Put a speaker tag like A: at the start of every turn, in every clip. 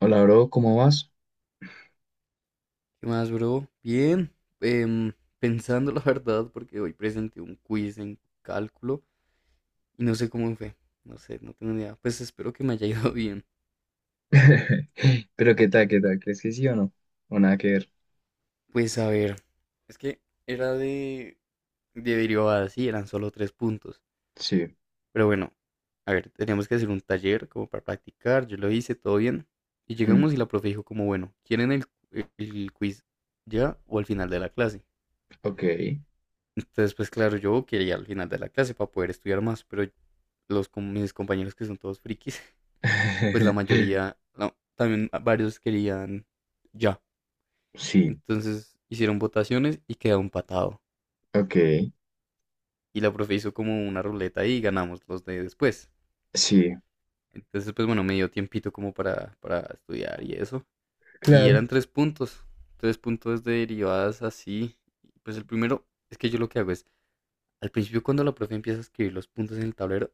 A: Hola, bro, ¿cómo vas?
B: ¿Qué más, bro? Bien, em, pensando la verdad, porque hoy presenté un quiz en cálculo y no sé cómo me fue. No sé, no tengo ni idea. Pues espero que me haya ido bien.
A: Pero qué tal, ¿crees que sí o no? O nada que ver.
B: Pues a ver, es que era de derivadas, sí, eran solo tres puntos.
A: Sí.
B: Pero bueno, a ver, teníamos que hacer un taller como para practicar. Yo lo hice, todo bien. Y
A: Mm,
B: llegamos y la profe dijo como, bueno, ¿quieren el quiz ya o al final de la clase?
A: ok.
B: Entonces, pues claro, yo quería al final de la clase para poder estudiar más, pero los, con mis compañeros que son todos frikis, pues la mayoría, no, también varios querían ya.
A: Sí,
B: Entonces hicieron votaciones y quedó empatado.
A: ok.
B: Y la profe hizo como una ruleta y ganamos los de después.
A: Sí.
B: Entonces, pues bueno, me dio tiempito como para estudiar y eso. Y
A: Claro.
B: eran tres puntos de derivadas así. Pues el primero es que yo lo que hago es. Al principio, cuando la profe empieza a escribir los puntos en el tablero,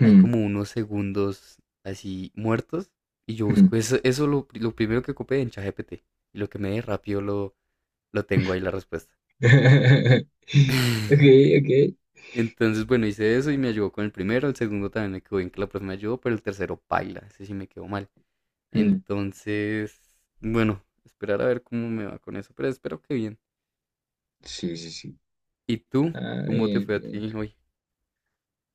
B: hay como unos segundos así muertos. Y yo
A: mm.
B: busco eso lo primero que ocupé en ChatGPT. Y lo que me dé rápido lo tengo ahí la respuesta.
A: Ok, ok.
B: Entonces, bueno, hice eso y me ayudó con el primero. El segundo también me quedó bien que la profe me ayudó, pero el tercero paila. Ese sí me quedó mal.
A: Mm,
B: Entonces, bueno, esperar a ver cómo me va con eso. Pero espero que bien.
A: sí, sí, sí.
B: ¿Y tú?
A: Ah,
B: ¿Cómo te
A: bien,
B: fue a
A: bien.
B: ti hoy?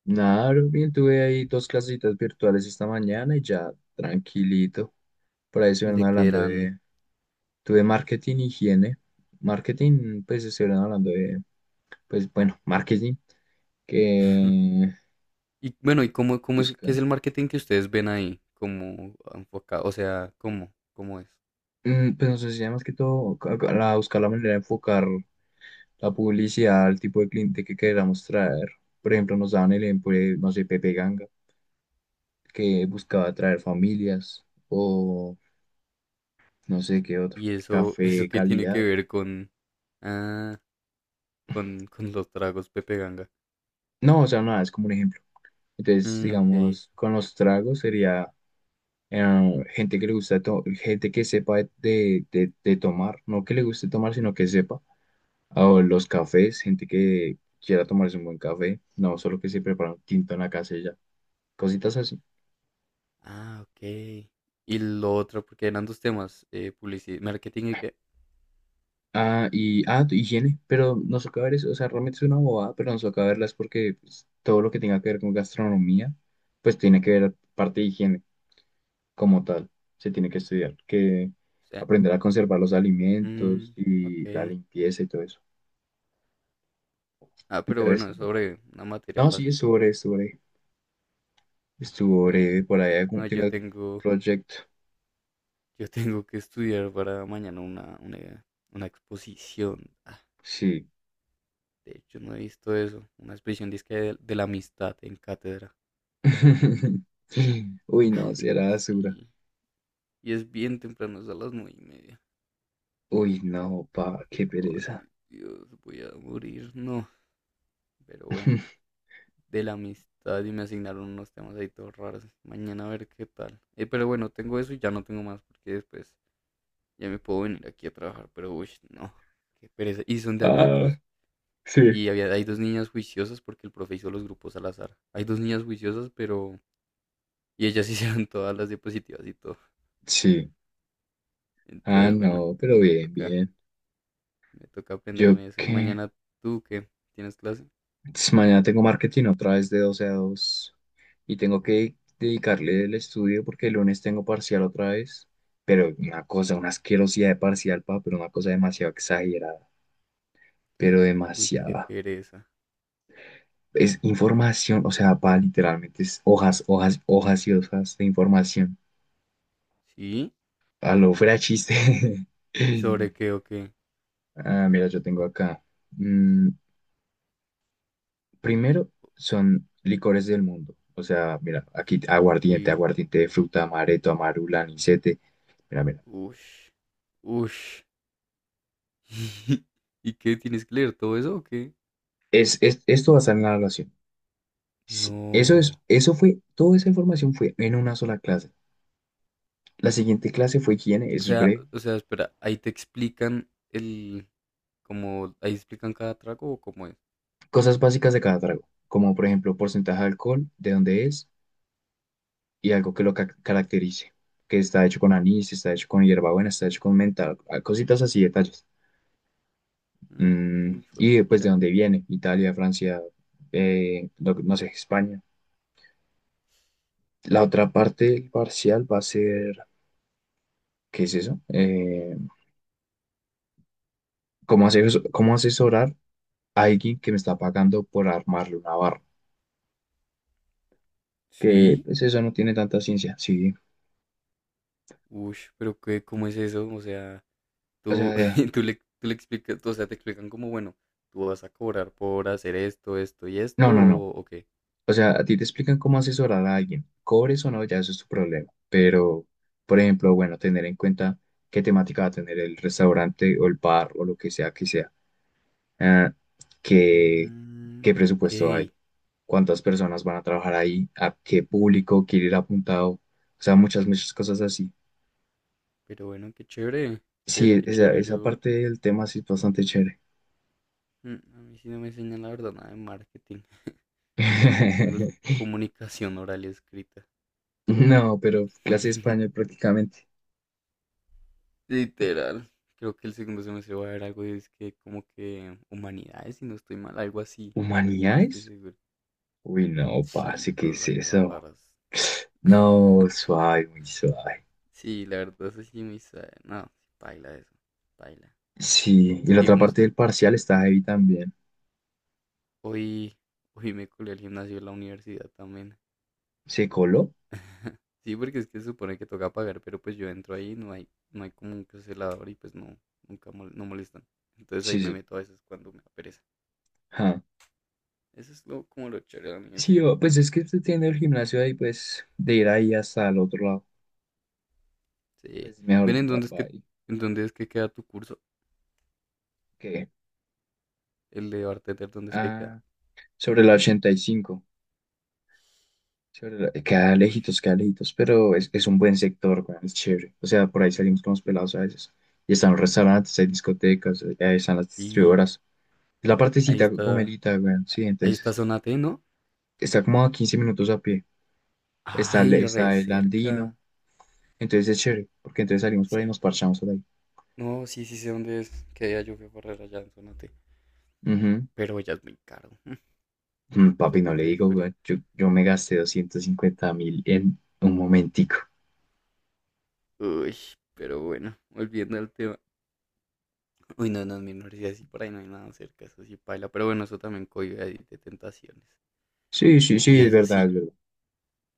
A: Nada, bro, bien, tuve ahí dos clasitas virtuales esta mañana y ya tranquilito. Por ahí estuvieron
B: ¿De qué
A: hablando
B: eran?
A: de, tuve marketing, higiene. Marketing, pues estuvieron hablando de, pues bueno, marketing, que
B: Y bueno, ¿y cómo es, qué es el
A: buscar,
B: marketing que ustedes ven ahí? ¿Cómo enfocado? O sea, ¿cómo es?
A: pues nos enseña más que todo buscar la manera de enfocar la publicidad al tipo de cliente que queramos traer. Por ejemplo, nos daban el ejemplo de, no sé, Pepe Ganga, que buscaba atraer familias o no sé qué otro,
B: Y eso, eso
A: café,
B: qué tiene que
A: calidad.
B: ver con, ah, con los tragos Pepe Ganga.
A: No, o sea, nada, es como un ejemplo. Entonces,
B: Mm, ok.
A: digamos, con los tragos sería gente que le gusta, gente que sepa de, de tomar, no que le guste tomar, sino que sepa. O los cafés, gente que quiera tomarse un buen café, no solo que se prepara un tinto en la casa y ya, cositas así.
B: Ah, ok. Y lo otro, porque eran dos temas, publicidad, marketing y qué.
A: Ah, y, higiene, pero nos toca ver eso, o sea, realmente es una bobada, pero nos toca verlas porque pues, todo lo que tenga que ver con gastronomía, pues tiene que ver parte de higiene. Como tal, se tiene que estudiar, que
B: O sea,
A: aprender a conservar los alimentos
B: mm,
A: y la
B: ok.
A: limpieza y todo eso.
B: Ah,
A: ¿De
B: pero bueno,
A: resto?
B: es
A: No.
B: sobre una materia
A: No, sí,
B: fácil.
A: estuvo breve, estuvo breve. Estuvo
B: Bien.
A: breve, por ahí algún,
B: No,
A: tengo algún proyecto.
B: yo tengo que estudiar para mañana una exposición.
A: Sí.
B: De hecho, no he visto eso. Una expresión disque de la amistad en cátedra.
A: Uy, no, si
B: Ay,
A: era basura.
B: sí. Y es bien temprano, es a las 9:30.
A: Uy, no, pa, qué pereza.
B: Ay, Dios, voy a morir. No, pero bueno. De la amistad y me asignaron unos temas ahí todos raros. Mañana a ver qué tal. Pero bueno, tengo eso y ya no tengo más porque después ya me puedo venir aquí a trabajar. Pero uy, no. Qué pereza. Y son de a
A: Ah,
B: grupos.
A: sí.
B: Y hay dos niñas juiciosas porque el profe hizo los grupos al azar. Hay dos niñas juiciosas, pero... Y ellas hicieron todas las diapositivas y todo.
A: Sí. Ah,
B: Entonces, bueno,
A: no, pero
B: me
A: bien,
B: toca,
A: bien.
B: me toca
A: Yo
B: aprenderme eso. Y
A: qué.
B: mañana tú qué tienes clase.
A: Entonces, mañana tengo marketing otra vez de 12 a 2 y tengo que dedicarle el estudio porque el lunes tengo parcial otra vez, pero una cosa, una asquerosidad de parcial, pa, pero una cosa demasiado exagerada, pero
B: Uy, qué
A: demasiada.
B: pereza.
A: Es información, o sea, pa, literalmente es hojas, hojas, hojas y hojas de información.
B: ¿Sí?
A: A lo fuera de chiste.
B: ¿Y sobre qué o qué?
A: Ah, mira, yo tengo acá. mm, Primero son licores del mundo. O sea, mira, aquí aguardiente,
B: Sí.
A: aguardiente de fruta, amaretto, amarula, anisete. Mira, mira.
B: Ush. Ush. ¿Y qué? ¿Tienes que leer todo eso o qué?
A: Esto va a estar en la evaluación. Eso es,
B: No.
A: eso fue, toda esa información fue en una sola clase. La siguiente clase fue higiene, eso es breve.
B: O sea, espera, ahí te explican el, como, ahí explican cada trago o cómo es.
A: Cosas básicas de cada trago, como por ejemplo porcentaje de alcohol, de dónde es y algo que lo caracterice, que está hecho con anís, está hecho con hierbabuena, está hecho con menta, cositas así, detalles.
B: Mm. Uy,
A: Y después de
B: pucha.
A: dónde viene, Italia, Francia, no, no sé, España. La otra parte del parcial va a ser, ¿qué es eso? ¿Cómo asesorar a alguien que me está pagando por armarle una barra? Que
B: ¿Sí?
A: pues eso no tiene tanta ciencia, sí.
B: Uy, pero qué, ¿cómo es eso? O sea,
A: O
B: tú,
A: sea,
B: tú le explicas, tú, o sea, te explican como, bueno, tú vas a cobrar por hacer esto, esto y
A: no,
B: esto,
A: no, no.
B: o qué.
A: O sea, a ti te explican cómo asesorar a alguien. Cobres o no, ya eso es tu problema. Pero, por ejemplo, bueno, tener en cuenta qué temática va a tener el restaurante o el bar o lo que sea que sea. Ah, ¿qué, qué
B: Mm, ok,
A: presupuesto hay? ¿Cuántas personas van a trabajar ahí? ¿A qué público quiere ir apuntado? O sea, muchas, muchas cosas así.
B: pero bueno, qué chévere, chévere,
A: Sí,
B: qué
A: esa,
B: chévere.
A: esa
B: Yo,
A: parte del tema sí es bastante chévere.
B: a mí sí no me enseñan la verdad nada de marketing. Yo tengo es comunicación oral y escrita.
A: No, pero clase de español prácticamente.
B: Literal. Creo que el segundo semestre va a haber algo, es que como que humanidades, si no estoy mal, algo así. No estoy
A: ¿Humanidades?
B: seguro.
A: Uy, no,
B: Sí,
A: parce, ¿qué
B: cosas
A: es
B: ahí todas
A: eso?
B: raras.
A: No, suave, muy suave.
B: Sí, la verdad, eso sí, muy suave. No, baila eso, baila.
A: Sí, y la otra
B: Digamos,
A: parte del parcial está ahí también.
B: hoy, hoy me colé al gimnasio de la universidad también.
A: ¿Se coló?
B: Sí, porque es que se supone que toca pagar, pero pues yo entro ahí, no hay como un celador y pues no, nunca no molestan. Entonces ahí
A: Sí,
B: me
A: sí.
B: meto a veces cuando me da pereza. Eso es lo, como lo chévere de la
A: Sí,
B: universidad.
A: pues es que usted tiene el gimnasio ahí, pues de ir ahí hasta el otro lado,
B: Sí.
A: pues mejor
B: Ven,
A: va, va ahí,
B: ¿en dónde es que queda tu curso?
A: que
B: El de bartender, ¿dónde es que queda?
A: ah, sobre la 85,
B: Uy,
A: queda lejitos, pero es un buen sector, weón, es chévere. O sea, por ahí salimos con los pelados a veces. Y están los restaurantes, hay discotecas, ahí están las
B: sí,
A: distribuidoras. La
B: ahí
A: partecita
B: está,
A: gomelita, weón, sí,
B: ahí está
A: entonces
B: zona T, ¿no?
A: está como a 15 minutos a pie. Está, el-
B: Ay, re
A: está el
B: cerca.
A: andino, entonces es chévere, porque entonces salimos por ahí y
B: Sí,
A: nos parchamos por
B: no, sí, sí sé dónde es. Que día yo fui a correr allá en Zona.
A: ahí.
B: Pero ya es muy caro.
A: Mm,
B: Después te
A: Papi, no le
B: cuento la
A: digo,
B: historia.
A: weón. Yo me gasté 250 mil en un momentico.
B: Uy, pero bueno, volviendo al tema. Uy, no, no, en mi universidad sí por ahí no hay nada cerca, eso sí paila. Pero bueno, eso también cohibe ahí de tentaciones.
A: Sí, sí, sí,
B: Y
A: es
B: eso
A: verdad,
B: sí,
A: es verdad.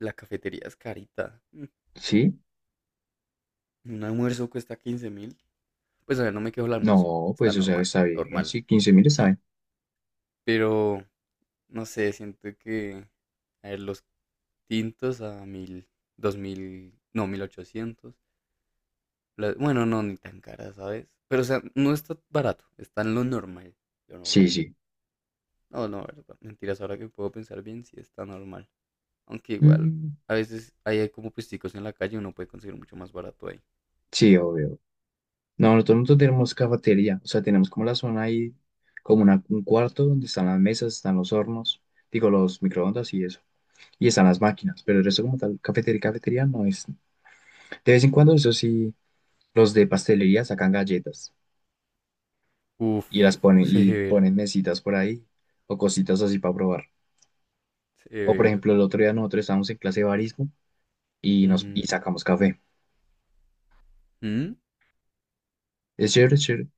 B: la cafetería es carita. Mm.
A: ¿Sí?
B: Un almuerzo cuesta 15.000. Pues a ver, no me quejo el almuerzo.
A: No,
B: Está
A: pues, o sea,
B: normal,
A: está bien.
B: normal.
A: Sí, 15 mil está
B: Sí,
A: bien.
B: pero no sé, siento que. A ver, los tintos a 1.000, 2.000, no, 1.800. La- bueno, no, ni tan cara, ¿sabes? Pero, o sea, no está barato, está en lo normal, lo
A: Sí,
B: normal.
A: sí.
B: No, no, verdad, mentiras, ahora que puedo pensar bien, sí está normal. Aunque igual,
A: Mm,
B: a veces hay como puesticos en la calle, uno puede conseguir mucho más barato ahí.
A: sí, obvio. No, nosotros tenemos cafetería. O sea, tenemos como la zona ahí, como un cuarto donde están las mesas, están los hornos, digo, los microondas y eso. Y están las máquinas. Pero el resto como tal, cafetería, cafetería no es. De vez en cuando, eso sí, los de pastelería sacan galletas,
B: Uf,
A: y las ponen y
B: severo,
A: ponen mesitas por ahí o cositas así para probar. O por
B: severo.
A: ejemplo, el otro día nosotros estábamos en clase de barismo y
B: Ujú.
A: sacamos café.
B: ¿Mm?
A: Es chévere, es chévere.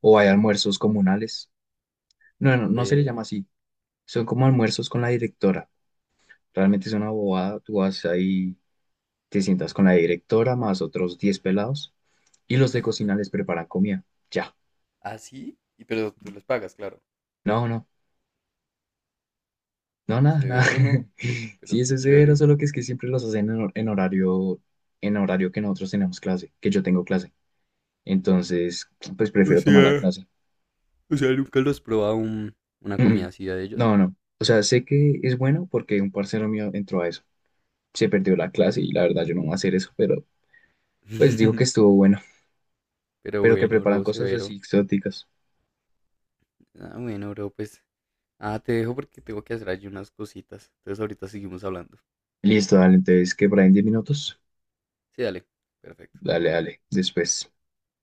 A: O hay almuerzos comunales. No, no, no se le llama
B: Ve.
A: así. Son como almuerzos con la directora. Realmente es una bobada. Tú vas ahí, te sientas con la directora más otros 10 pelados y los de cocina les preparan comida. Ya.
B: Ah, sí, y pero tú los pagas, claro.
A: No, no. No, nada, nada.
B: Severo, ¿no?
A: Sí,
B: Pero
A: eso
B: qué
A: es severo,
B: chévere.
A: solo que es que siempre los hacen en en horario, en horario que nosotros tenemos clase, que yo tengo clase. Entonces, pues
B: O
A: prefiero tomar la
B: sea,
A: clase.
B: o sea, nunca los has probado una comida
A: Mm,
B: así de ellos.
A: no, no. O sea, sé que es bueno porque un parcero mío entró a eso. Se perdió la clase y la verdad yo no voy a hacer eso, pero pues digo que estuvo bueno.
B: Pero
A: Pero que
B: bueno,
A: preparan
B: bro,
A: cosas así
B: severo.
A: exóticas.
B: Ah, bueno, bro, pues. Ah, te dejo porque tengo que hacer allí unas cositas. Entonces ahorita seguimos hablando.
A: Listo, dale. Entonces, que por ahí en 10 minutos.
B: Sí, dale. Perfecto.
A: Dale, dale. Después.